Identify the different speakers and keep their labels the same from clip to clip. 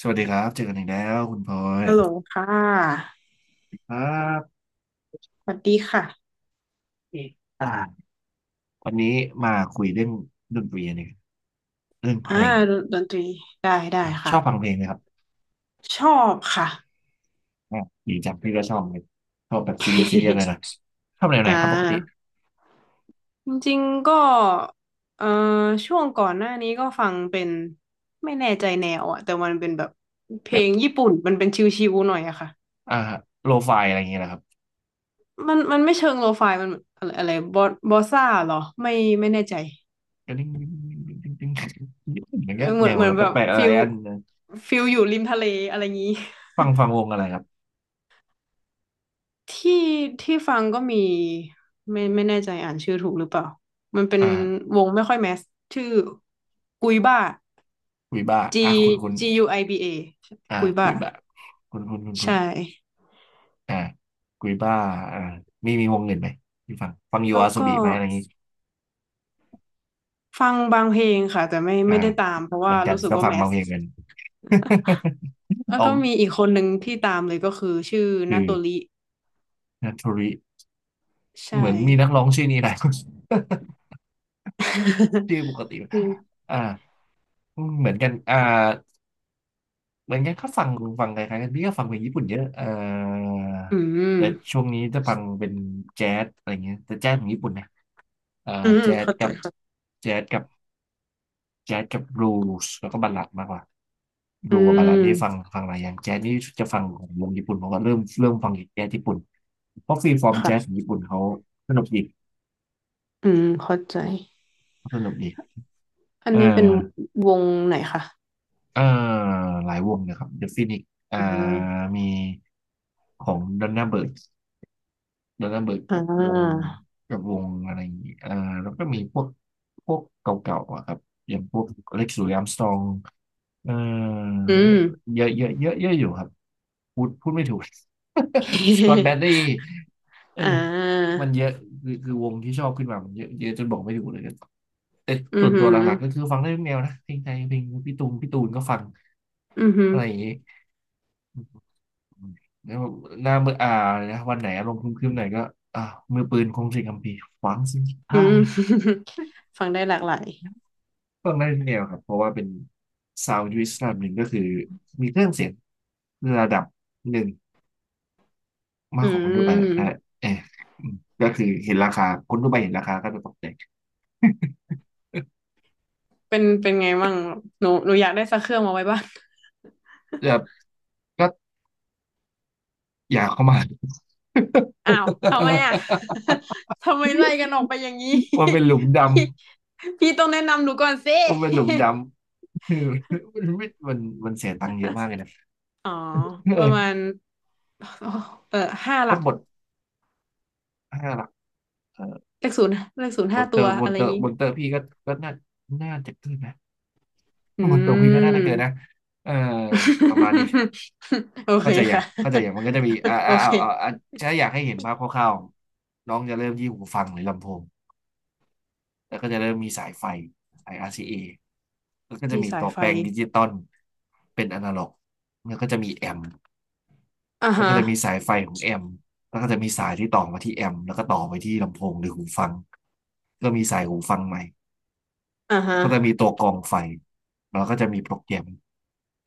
Speaker 1: สวัสดีครับเจอกันอีกแล้วคุณพลอ
Speaker 2: ฮัลโหล
Speaker 1: ย
Speaker 2: ค่ะ
Speaker 1: ครับ
Speaker 2: สวัสดีค่ะ
Speaker 1: อ่าวันนี้มาคุยเรื่องดนตรีเนี่ยเรื่องเพ
Speaker 2: อ่า
Speaker 1: ลง
Speaker 2: ดนตรี ได้
Speaker 1: ครับชอบฟัง
Speaker 2: ค่ะ
Speaker 1: เพลงไหมครับ
Speaker 2: ชอบค่ะ
Speaker 1: อ่าดีจังพี่ก็ชอบเลยชอบแบบซีเรียสซีเรียสเลยนะ ชอบแนวไหน
Speaker 2: อ่า
Speaker 1: ครับปกติ
Speaker 2: จริงๆก็เอ่อช่วงก่อนหน้านี้ก็ฟังเป็น ไม่แน่ใจแนวอะแต่มันเป็นแบบ เพล
Speaker 1: แบบ
Speaker 2: งญี่ปุ่น มันเป็นชิวๆหน่อยอะค่ะ
Speaker 1: อ่าโลไฟอะไรอย่างเงี้ยนะครับ
Speaker 2: มันไม่เชิงโลฟายมันอะไรอะไรบอสซ่าเหรอ ไม่แน่ใจ
Speaker 1: ก็ดิ้งดิ้งดิ้งดิ้งดิ้งอย่าง
Speaker 2: เออ
Speaker 1: เงี้ย
Speaker 2: เหมื
Speaker 1: แน
Speaker 2: อน
Speaker 1: ว
Speaker 2: เหมือนแบบ
Speaker 1: แปลกๆอะ
Speaker 2: ฟิ
Speaker 1: ไร
Speaker 2: ล
Speaker 1: อัน
Speaker 2: ฟิลอยู่ริมทะเลอะไรงี้
Speaker 1: ฟังวงอะไรครับ
Speaker 2: ที่ที่ฟังก็มีไม่แน่ใจอ่านชื่อถูกหรือเปล่ามันเป็น
Speaker 1: อ่า
Speaker 2: วงไม่ค่อยแมสชื่อกุยบ้า
Speaker 1: กุยบ้าอ่าคุณ
Speaker 2: G
Speaker 1: คุณ
Speaker 2: G U I B A
Speaker 1: อ่า
Speaker 2: กุย
Speaker 1: กุ
Speaker 2: บ้า
Speaker 1: ยบ้าคุณคุณคุณคุณ
Speaker 2: ใช่
Speaker 1: อ่ากุยบ้าอ่ามีวงอื่นไหมที่ฟังยู
Speaker 2: แล้
Speaker 1: อา
Speaker 2: ว
Speaker 1: โซ
Speaker 2: ก็
Speaker 1: บีไหมอะไรอย่างงี้
Speaker 2: ฟังบางเพลงค่ะแต่ไม่
Speaker 1: อ่า
Speaker 2: ไม่ได้ตามเพราะ
Speaker 1: เหมื
Speaker 2: ว่า
Speaker 1: อนกัน
Speaker 2: รู้สึก
Speaker 1: ก็
Speaker 2: ว่า
Speaker 1: ฟัง
Speaker 2: แม
Speaker 1: บาง
Speaker 2: ส
Speaker 1: เพลงกัน
Speaker 2: แล้
Speaker 1: อ
Speaker 2: ว
Speaker 1: อ
Speaker 2: ก็
Speaker 1: ม
Speaker 2: มีอีกคนหนึ่งที่ตามเลยก็คือชื่อ
Speaker 1: คื
Speaker 2: นา
Speaker 1: อ
Speaker 2: โตริ
Speaker 1: นัทธุริ
Speaker 2: ใช่
Speaker 1: เหมือนมีนักร้องชื่อนี้นะ ชื่อปกติ
Speaker 2: นี
Speaker 1: อ่าเหมือนกันอ่าเหมือนกันก็ฟังฟังคล้ายๆกันพี่ก็ฟังเพลงญี่ปุ่นเยอะ
Speaker 2: อื
Speaker 1: แต่
Speaker 2: ม
Speaker 1: ช่วงนี้จะฟังเป็นแจ๊สอะไรเงี้ยแต่แจ๊สของญี่ปุ่นนะเอ่อ
Speaker 2: อืม
Speaker 1: แจ๊ส
Speaker 2: เข้าใจ
Speaker 1: กับ
Speaker 2: ค่ะ
Speaker 1: แจ๊สกับ แจ๊สกับรูสแล้วก็บัลลัดมากกว่า
Speaker 2: อื
Speaker 1: รูกับบัลลัดนี่ฟัง
Speaker 2: ม
Speaker 1: ฟังหลายอย่างแจ๊สนี่จะฟังของวงญี่ปุ่นเพราะว่าเริ่มฟังแจ๊สญี่ปุ่นเพราะฟรีฟอร์มแจ๊สของ
Speaker 2: ค่ะ
Speaker 1: ญี่ปุ่นเขาสนุกดี
Speaker 2: อืมเข้าใจ
Speaker 1: เขาสนุกดี
Speaker 2: อัน
Speaker 1: เอ่า
Speaker 2: นี้เป็นวงไหนคะ
Speaker 1: อ่าหลายวงนะครับ The Phoenix อ่า
Speaker 2: อ่า
Speaker 1: มีของด o นน a าเบิร์ดด a นน r าเบิร์ด
Speaker 2: อ่
Speaker 1: กับวง
Speaker 2: า
Speaker 1: กับวงอะไรอย่างงี้อ่าแล้วก็มีพวกพวกเก่าๆอะครับอย่างพวกเล็กซ์ลุย a าร์มสตรองเอ่อ
Speaker 2: อืม
Speaker 1: เยอะเยอะเยอะเยอะอยู่ครับ พูดไม่ถูก สกอตแบ t รี เออ
Speaker 2: อ่า
Speaker 1: มันเยอะคือวงที่ชอบขึ้นมามันเยอะเยอะจนบอกไม่ถูกเลยแต่
Speaker 2: อื
Speaker 1: ส่
Speaker 2: อ
Speaker 1: วน
Speaker 2: หื
Speaker 1: ตัว
Speaker 2: อ
Speaker 1: หลักๆก็คือฟังได้ทุกแนวนะเพลงไทยเพลงพี่ตูน พี่ตูนก็ฟัง
Speaker 2: อือหือ
Speaker 1: อะไรอย่างงี้แล้วหน้ามือนะวันไหนอารมณ์ครึ้มๆหน่อยก็อ่ามือปืนคงสิงห์คัมภีร์ฟังสิงห์ใ
Speaker 2: อืม ฟังได้หลากหลาย
Speaker 1: ต้ฟังได้ทุกแนวครับ เพราะว่าเป็นซาวด์ยูนิตระดับหนึ่งก็คือมีเครื่องเสียงระดับหนึ่ง มาก
Speaker 2: อื
Speaker 1: กว่าคนทั่วไปแหละ
Speaker 2: ม
Speaker 1: นั่นแหละเอออืมก็คือเห็นราคาคนทั่วไปเห็นราคาก็จะตกใจ
Speaker 2: เป็นเป็นไงบ้างหนูอยากได้สักเครื่องมาไว้บ้าน
Speaker 1: แบบก็อยากเข้ามา
Speaker 2: อ้าวทำไมอ่ะ ทำไมไล่กันออกไปอย่างนี้
Speaker 1: มันเป็นหลุมด
Speaker 2: พี่พี่ต้องแนะนำหนูก่อนสิ
Speaker 1: ำมันเป็นหลุมด ำ คือมันมันเสียตังค์เยอะมากเลยนะ
Speaker 2: อ๋อ ประมา
Speaker 1: เออ
Speaker 2: ณเออห้าห
Speaker 1: ก็
Speaker 2: ลัก
Speaker 1: บทห้าหลักเออ
Speaker 2: เลขศูนย์เลขศูนย์
Speaker 1: บ
Speaker 2: ห้า
Speaker 1: ทเตอ
Speaker 2: ตัว
Speaker 1: ร์บ
Speaker 2: อะ
Speaker 1: ท
Speaker 2: ไร
Speaker 1: เต
Speaker 2: อ
Speaker 1: อ
Speaker 2: ย่าง
Speaker 1: ร์
Speaker 2: นี้
Speaker 1: บทเตอร์พี่ก็ก็น่าน่าจะเกินนะ
Speaker 2: อื
Speaker 1: บทเตอร์พี่ก็น่าจะ
Speaker 2: ม
Speaker 1: เกินนะเออประมาณนี้
Speaker 2: โอเค
Speaker 1: เข้าใจอย่าง
Speaker 2: ค่ะ
Speaker 1: เข้าใจอย่างมันก็จะมี
Speaker 2: โอ
Speaker 1: อ่า
Speaker 2: เค
Speaker 1: ถ้าอยากให้เห็นภาพคร่าวๆน้องจะเริ่มที่หูฟังหรือลำโพง แล้วก็จะเริ่มมีสายไฟสาย RCA แล้วก็จะ
Speaker 2: มี
Speaker 1: มี
Speaker 2: สา
Speaker 1: ตั
Speaker 2: ย
Speaker 1: ว
Speaker 2: ไฟ
Speaker 1: แปลงดิจิตอลเป็นอนาล็อกแล้วก็จะมีแอมป์
Speaker 2: อ่า
Speaker 1: แล้ว
Speaker 2: ฮะ
Speaker 1: ก็จะมีสายไฟของแอมป์แล้วก็จะมีสายที่ต่อมาที่แอมป์แล้วก็ต่อไปที่ลำโพงหรือหูฟังก็มีสายหูฟังใหม่
Speaker 2: อ่า
Speaker 1: แล้ว
Speaker 2: ฮะ
Speaker 1: ก็จะมีตัวกรองไฟแล้วก็จะมีโปรแกรม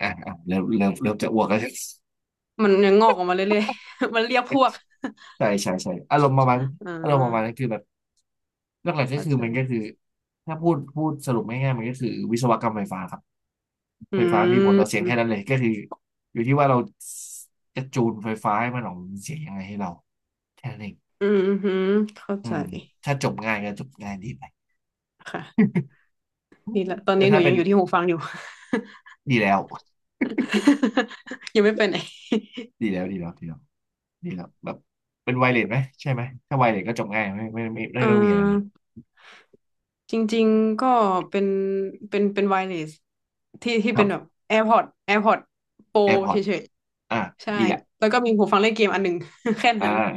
Speaker 1: เริ่มจะอ้วกแล้ว
Speaker 2: มันยังงอกออกมาเรื่อยๆ มันเรียกพวก
Speaker 1: ใช่อารมณ์ประมาณ
Speaker 2: อ่
Speaker 1: อารมณ์ประมาณนั้
Speaker 2: า
Speaker 1: นคือแบบเรื่องหลักก็
Speaker 2: เข้า
Speaker 1: คือ
Speaker 2: ใจ
Speaker 1: มันก็คือถ้าพูดสรุปง่ายๆมันก็คือวิศวกรรมไฟฟ้าครับ
Speaker 2: อื
Speaker 1: ไฟฟ้ามีผลต่อเสียงแค่
Speaker 2: ม
Speaker 1: นั้นเลยก็คืออยู่ที่ว่าเราจะจูนไฟฟ้าให้มันออกเป็นเสียงยังไงให้เราแค่นั้นเอง
Speaker 2: อืมอืมเข้า
Speaker 1: อื
Speaker 2: ใจ
Speaker 1: มถ้าจบง่ายก็จบง่ายดีไป
Speaker 2: ค่ะ
Speaker 1: อืม
Speaker 2: นี่แหละตอน
Speaker 1: แต่
Speaker 2: นี้หนู
Speaker 1: ถ้าเป็
Speaker 2: ยัง
Speaker 1: น
Speaker 2: อยู่ที่หูฟังอยู่
Speaker 1: ดีแล้ว
Speaker 2: ยังไม่ไปไหน
Speaker 1: ดีแล้วดีแล้วดีแล้วดีแล้วแบบเป็นไวเลสไหมใช่ไหมถ้าไวเลสก็จบง่าย
Speaker 2: เ
Speaker 1: ไม่ต้องมีอะไรเลย
Speaker 2: ออจริงๆก็เป็นเป็นไวเลสที่
Speaker 1: ครั
Speaker 2: เป็นแบ
Speaker 1: บ
Speaker 2: บ AirPods AirPods Pro
Speaker 1: แอ r p พอ
Speaker 2: เฉ
Speaker 1: ร์ต
Speaker 2: ย
Speaker 1: อ่ะ
Speaker 2: ใช่
Speaker 1: ดีแหละ
Speaker 2: แล้วก็มีหูฟังเล่นเกมอันหนึ่ง แค่
Speaker 1: อ่า
Speaker 2: นั้น
Speaker 1: อ่า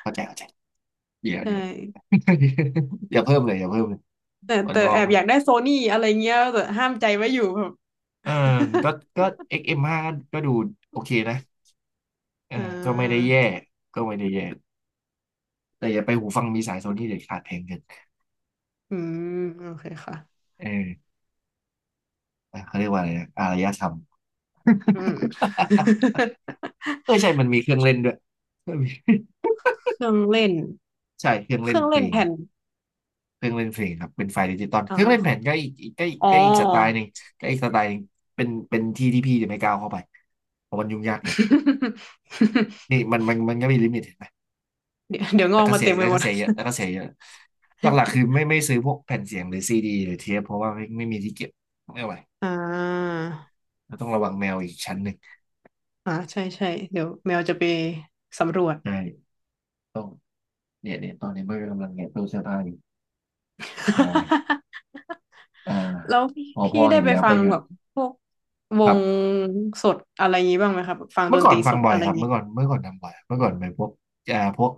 Speaker 1: เข้าใจดีแล้ว
Speaker 2: ใช่
Speaker 1: ดีแล้ว อย่าเพิ่มเลย
Speaker 2: แต่
Speaker 1: อ่อน
Speaker 2: แต่
Speaker 1: งอ
Speaker 2: แอ
Speaker 1: ก
Speaker 2: บอยากได้โซนี่อะไรเงี้ยแต่ห้ามใจไว้อยู่แบบ
Speaker 1: เออก็ก็ XM5 กซ์เอ็มห้าก็ก็ดูโอเคนะเออ
Speaker 2: อ่
Speaker 1: ก็ไม่ได้
Speaker 2: า
Speaker 1: แย่ก็ไม่ได้แย่ แต่อย่าไปหูฟังมีสายโซนี่เด็ดขาดเพลงเกิน
Speaker 2: อืมโอเคค่ะ
Speaker 1: เออเขาเรียกว่าอะไรนะอารยธรรม
Speaker 2: อืม
Speaker 1: เออใช่มันมีเครื่องเล่นด้วย
Speaker 2: เครื่องเล่น
Speaker 1: ใช่เครื่อง
Speaker 2: เค
Speaker 1: เล่
Speaker 2: รื่
Speaker 1: น
Speaker 2: อง
Speaker 1: เพล
Speaker 2: เล่น
Speaker 1: ง
Speaker 2: แผ่น
Speaker 1: เครื่องเล่นเพลงครับเป็นไฟล์ดิจิตอล
Speaker 2: อ่
Speaker 1: เครื่องเล่นแผ่น
Speaker 2: า
Speaker 1: ก็
Speaker 2: อ๋อ
Speaker 1: อีกสไตล์หนึ่งก็อีกสไตล์หนึ่งเป็นที่ที่พี่จะไม่ก้าวเข้าไปเพราะมันยุ่งยากเกินนี่มัน มันมันก็มีลิมิตเห็นไหม
Speaker 2: เดี๋ยวงอกมาเต็มไปหมด
Speaker 1: แต่ก็เสียเยอะหลักๆคือไม่ซื้อพวกแผ่นเสียงหรือซีดีหรือเทปเพราะว่าไม่มีที่เก็บไม่ไหว
Speaker 2: อ่า
Speaker 1: เราต้องระวังแมวอีกชั้นหนึ่ง
Speaker 2: อ่าใช่ใช่เดี๋ยวแมวจะไปสำรวจ
Speaker 1: ใช่ต้อง เนี่ยเนี่ยตอนนี้เบอร์กำลังแงะตู้เสื้อผ้าอยู่ใช่ อ่า
Speaker 2: แล้วพี่
Speaker 1: พอพ่
Speaker 2: พี่
Speaker 1: อ
Speaker 2: ได้
Speaker 1: เห็น
Speaker 2: ไป
Speaker 1: แล้ว
Speaker 2: ฟั
Speaker 1: ก็
Speaker 2: ง
Speaker 1: หยุ
Speaker 2: แบ
Speaker 1: ด
Speaker 2: บพวกว
Speaker 1: ครั
Speaker 2: ง
Speaker 1: บ
Speaker 2: สดอะไรอย่างงี้บ้างไหมครับแบบฟังด
Speaker 1: เมื่อ
Speaker 2: น
Speaker 1: ก่
Speaker 2: ต
Speaker 1: อน
Speaker 2: รี
Speaker 1: ฟั
Speaker 2: ส
Speaker 1: ง
Speaker 2: ด
Speaker 1: บ่อ
Speaker 2: อะ
Speaker 1: ย
Speaker 2: ไร
Speaker 1: ค
Speaker 2: อ
Speaker 1: รั
Speaker 2: ย่า
Speaker 1: บ
Speaker 2: งงี้
Speaker 1: เมื่อก่อนเมื่อก่อนทำบ่อยเมื่อก่อนไปพวกเอ่าพวก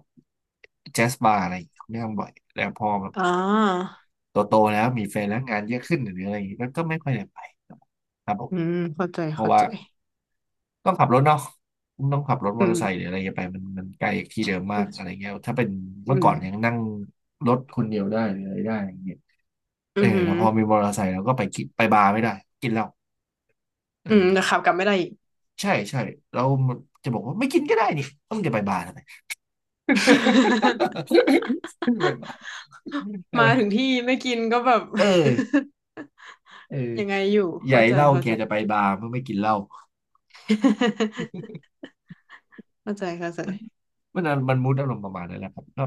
Speaker 1: แจ๊สบาร์อะไรอย่างเงี้ยไม่ทำบ่อยแล้วพอแบบ
Speaker 2: อ่า
Speaker 1: โตแล้วมีแฟนแล้วงานเยอะขึ้นหรืออะไรอย่างเงี้ยก็ไม่ค่อยได้ไปครับผม
Speaker 2: อืมเข้าใจ
Speaker 1: เพราะ
Speaker 2: เข้า
Speaker 1: ว่า
Speaker 2: ใจ
Speaker 1: ต้องขับรถเนาะต้องขับรถม
Speaker 2: อื
Speaker 1: อเตอร์ไซค์หรื
Speaker 2: ม
Speaker 1: ออะไรอย่างเงี้ยไปมันไกลจากที่เดิมมากอะไร
Speaker 2: อ
Speaker 1: เงี้ยถ้าเป็น
Speaker 2: ื
Speaker 1: เมื่อก่อนยัง
Speaker 2: ม
Speaker 1: นั่งรถคนเดียวได้หรืออะไรได้อย่างเงี้ย
Speaker 2: อื
Speaker 1: เออ
Speaker 2: มอื
Speaker 1: แล้วพอมีมอเตอร์ไซค์เราก็ไปกินไปบาร์ไม่ได้กินเหล้าเอ
Speaker 2: ืม
Speaker 1: อ
Speaker 2: แต่ขับกลับไม่ได้อีก
Speaker 1: ใช่ใช่แล้วจะบอกว่าไม่กินก็ได้นี่ต้องจะไปบาร์ทำไม ไม่ไปบาร์ใช่ไหม
Speaker 2: มาถึงที่ไม่กินก็แบบ
Speaker 1: เออเออ
Speaker 2: ยังไงอยู่
Speaker 1: ใหญ่
Speaker 2: เข้าใจ
Speaker 1: เหล้า
Speaker 2: เข้า
Speaker 1: แก
Speaker 2: ใจ
Speaker 1: จะไปบาร์เมื่อไม่กินเหล้า
Speaker 2: เข้าใจเข้าใจ
Speaker 1: มันน่ะมันมูดอารมณ์ประมาณนั้นแหละครับก็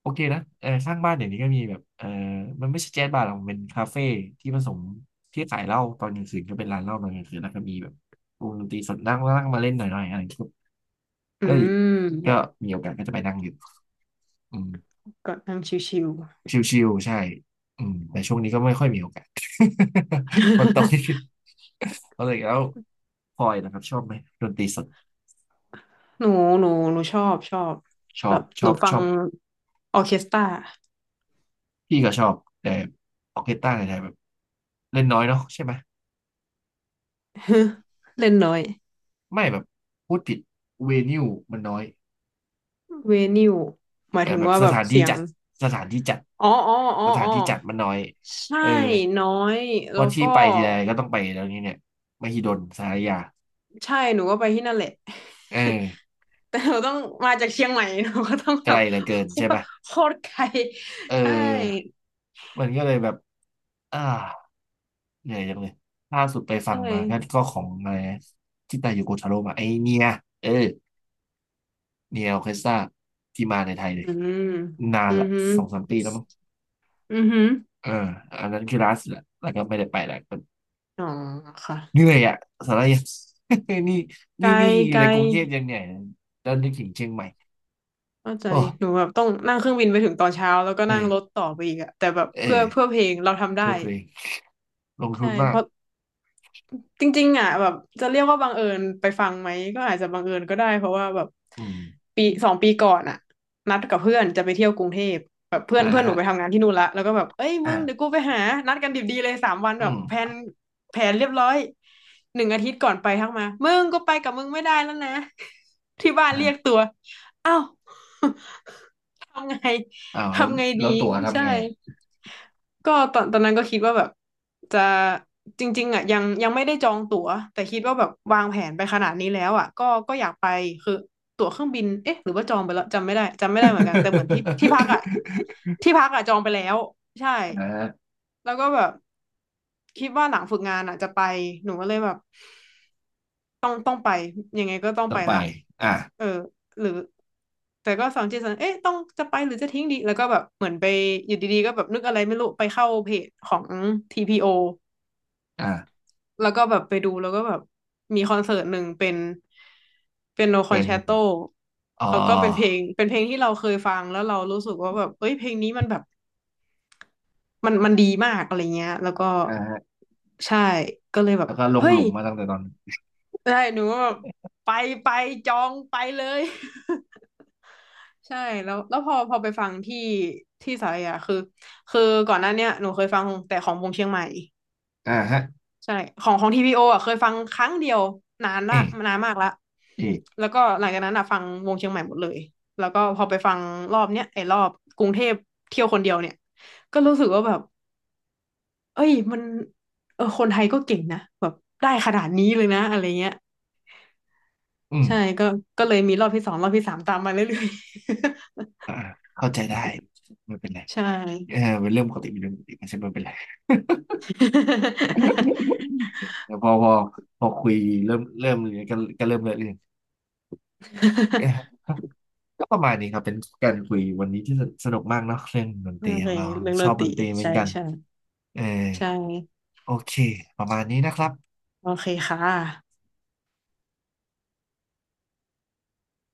Speaker 1: โอเคนะเออข้างบ้านเดี๋ยวนี้ก็มีแบบเออมันไม่ใช่แจ๊สบาร์หรอกมันเป็นคาเฟ่ที่ผสมที่ขายเหล้าตอนกลางคืนก็เป็นร้านเหล้าตอนกลางคืนแล้วก็มีแบบวงดนตรีสดนั่งนั่งมาเล่นหน่อยๆอะไรอย่างเงี้ย
Speaker 2: อื
Speaker 1: ก็ก็
Speaker 2: ม
Speaker 1: มีโอกาสก็จะไปนั่งอยู่อืม
Speaker 2: ก็นั่งชิว
Speaker 1: ชิวๆใช่อืมแต่ช่วงนี้ก็ไม่ค่อยมีโอกาส คนตกก็เลย แล้วพลอยนะครับชอบไหมดนตรีสด
Speaker 2: ๆ หนูชอบแบบหนูฟั
Speaker 1: ช
Speaker 2: ง
Speaker 1: อบ
Speaker 2: ออร์เคสตรา
Speaker 1: พี่ก็ชอบแต่ออร์เคสตราในไทยแบบเล่นน้อยเนาะใช่ไหม
Speaker 2: เล่นน้อย
Speaker 1: ไม่แบบพูดผิดเวนิวมันน้อย
Speaker 2: เวนิวหมา
Speaker 1: เอ
Speaker 2: ย
Speaker 1: อ
Speaker 2: ถึง
Speaker 1: แบบ
Speaker 2: ว่า
Speaker 1: ส
Speaker 2: แบบ
Speaker 1: ถานที่
Speaker 2: เสียง
Speaker 1: จัดสถานที่จัด
Speaker 2: อ๋ออ๋ออ๋อ
Speaker 1: สถาน
Speaker 2: อ๋อ
Speaker 1: ที่จัดมันน้อย
Speaker 2: ใช
Speaker 1: เออ
Speaker 2: ่น้อย
Speaker 1: เพราะ
Speaker 2: แล้ว
Speaker 1: ที่
Speaker 2: ก็
Speaker 1: ไปทีไรก็ต้องไปแล้วนี้เนี่ยมหิดลสารยา
Speaker 2: ใช่หนูก็ไปที่นั่นแหละ
Speaker 1: เออ
Speaker 2: แต่หนูต้องมาจากเชียงใหม่ หนูก็ต้อง
Speaker 1: ไก
Speaker 2: แบ
Speaker 1: ล
Speaker 2: บ
Speaker 1: เหลือเกินใช่ไหม
Speaker 2: โคตรไกล
Speaker 1: เ
Speaker 2: ใช่
Speaker 1: ออมันก็เลยแบบอ่า เหนื่อยจังเลยล่าสุดไป
Speaker 2: ใช
Speaker 1: ฟังมาก็
Speaker 2: ่
Speaker 1: ก็ของอะไรนะที่ตาอยู่โกทาโร่มาไอเนียเออเนียออเคสตราที่มาในไทยเล
Speaker 2: อื
Speaker 1: ย
Speaker 2: ม
Speaker 1: นาน
Speaker 2: อือ
Speaker 1: ละ
Speaker 2: หือ
Speaker 1: 2-3 ปีแล้วมั้ง
Speaker 2: อือหือ
Speaker 1: เอออันนั้นคือล่าสุดละแล้วก็ไม่ได้ไปแล้ว
Speaker 2: อ๋อค่ะ
Speaker 1: เหนื่อยอ่ะสาระยัง นี่
Speaker 2: ไกล
Speaker 1: นี่อยู่
Speaker 2: ไกล
Speaker 1: ในกรุงเทพยังเหนื่อยแล้วนึกถึงเชียงใหม่
Speaker 2: เข้าใจ
Speaker 1: โอ้
Speaker 2: หนูแบบต้องนั่งเครื่องบินไปถึงตอนเช้าแล้วก็
Speaker 1: เอ
Speaker 2: นั่งรถ
Speaker 1: อ
Speaker 2: ต่อไปอีกอะแต่แบบ
Speaker 1: เออ
Speaker 2: เพื่อเพลงเราทำ
Speaker 1: เพื่
Speaker 2: ได้
Speaker 1: อเพลงลงทุ
Speaker 2: ใช่
Speaker 1: นมา
Speaker 2: เพ
Speaker 1: ก
Speaker 2: ราะ จริงๆอ่ะแบบจะเรียกว่าบังเอิญไปฟังไหมก็อาจจะบังเอิญก็ได้เพราะว่าแบบ
Speaker 1: อืม
Speaker 2: ปีสองปีก่อนอ่ะนัดกับเพื่อนจะไปเที่ยวกรุงเทพแบบเพื่อ
Speaker 1: อ่า
Speaker 2: นเพื่อนหนู
Speaker 1: ฮะ
Speaker 2: ไปทำงานที่นู่นละแล้วก็แบบเอ้ยมึงเดี๋ยวกู
Speaker 1: อ่า
Speaker 2: ไปหานัดกันดิบดีเลยสามวัน
Speaker 1: อื
Speaker 2: แบบ
Speaker 1: ม
Speaker 2: แผนแผนเรียบร้อยหนึ่งอาทิตย์ก่อนไปทักมามึงก็ไปกับมึงไม่ได้แล้วนะ ที่บ้านเรียก
Speaker 1: อ่า
Speaker 2: ตัวเอ้า ทำไง
Speaker 1: อ้าว แล้ว
Speaker 2: ทำไง
Speaker 1: แล้
Speaker 2: ดี
Speaker 1: วตั๋วทำ
Speaker 2: ใช่
Speaker 1: ไงอะ
Speaker 2: ก็ตอนนั้นก็คิดว่าแบบจะจริงๆอ่ะยังไม่ได้จองตั๋วแต่คิดว่าแบบวางแผนไปขนาดนี้แล้วอ่ะก็ก็อยากไปคือตั๋วเครื่องบินเอ๊ะหรือว่าจองไปแล้วจำไม่ได้จำไม่ได้เหมือนกันแต่เหมือนที่พักอ่ะ ที่พักอ่ะจองไปแล้วใช่
Speaker 1: อ่า
Speaker 2: แล้วก็แบบ คิดว่าหลังฝึกงานอ่ะจะไปหนูก็เลยแบบต้องไปยังไงก็ต้อง
Speaker 1: ต้อ
Speaker 2: ไป
Speaker 1: งไป
Speaker 2: ละ
Speaker 1: อ่า
Speaker 2: เออหรือแต่ก็สองจิตสองเอ๊ะต้องจะไปหรือจะทิ้งดีแล้วก็แบบเหมือนไปอยู่ดีๆก็แบบนึกอะไรไม่รู้ไปเข้าเพจของ TPO
Speaker 1: อ่า
Speaker 2: แล้วก็แบบไปดูแล้วก็แบบมีคอนเสิร์ตหนึ่งเป็นเป็นโนคอ
Speaker 1: เป็
Speaker 2: น
Speaker 1: น
Speaker 2: แชตโต
Speaker 1: อ๋
Speaker 2: แล้วก็เป็นเพล
Speaker 1: อ
Speaker 2: งเป็นเพลงที่เราเคยฟังแล้วเรารู้สึกว่าแบบเอ้ยเพลงนี้มันแบบมันดีมากอะไรเงี้ยแล้วก็
Speaker 1: อ่าฮะ
Speaker 2: ใช่ก็เลยแบบ
Speaker 1: แล้วก็ลง
Speaker 2: เฮ้
Speaker 1: ห
Speaker 2: ย
Speaker 1: ลุมมาตั้งแต่ตอน
Speaker 2: ใช่หนูก็แบบไปไปจองไปเลย ใช่แล้วแล้วพอไปฟังที่สารยาคือก่อนหน้าเนี้ยหนูเคยฟังแต่ของวงเชียงใหม่
Speaker 1: อ่าฮะ
Speaker 2: ใช่ของของทีพีโออ่ะเคยฟังครั้งเดียวนาน
Speaker 1: เอ
Speaker 2: ละ
Speaker 1: อ
Speaker 2: นานมากละ
Speaker 1: เออ
Speaker 2: แล้วก็หลังจากนั้นอ่ะฟังวงเชียงใหม่หมดเลยแล้วก็พอไปฟังรอบเนี้ยไอ้รอบกรุงเทพเที่ยวคนเดียวเนี่ยก็รู้สึกว่าแบบเอ้ยมันเออคนไทยก็เก่งนะแบบได้ขนาดนี้เลยนะอะไรเงี้ย
Speaker 1: อืม
Speaker 2: ใช่ก็ก็เลยมีรอบที่สองรอบที่สามตามมาเรื่อย
Speaker 1: อ่าเข้าใจได้ ไม่เป็นไร
Speaker 2: ๆ ใช่
Speaker 1: เออเป็นเรื่องปกติเป็นเรื่องปกติไม่ใช่ไม่เป็นไร พอพอพอคุยเริ่มเลยก็เริ่มเลยเรื่อง เอ๊ะก็ประมาณนี้ครับ เป็นการคุยวันนี้ที่สนุกมากเนาะเรื่องดน
Speaker 2: โอ
Speaker 1: ตรีข
Speaker 2: เค
Speaker 1: องเรา
Speaker 2: เรื่อง
Speaker 1: ช
Speaker 2: ด
Speaker 1: อ
Speaker 2: น
Speaker 1: บ
Speaker 2: ต
Speaker 1: ด
Speaker 2: รี
Speaker 1: นตรีเหมือ
Speaker 2: ใช่
Speaker 1: นกัน
Speaker 2: ใช่
Speaker 1: เออ
Speaker 2: ใช่
Speaker 1: โอเคประมาณนี้นะครับ
Speaker 2: โอเคค่ะ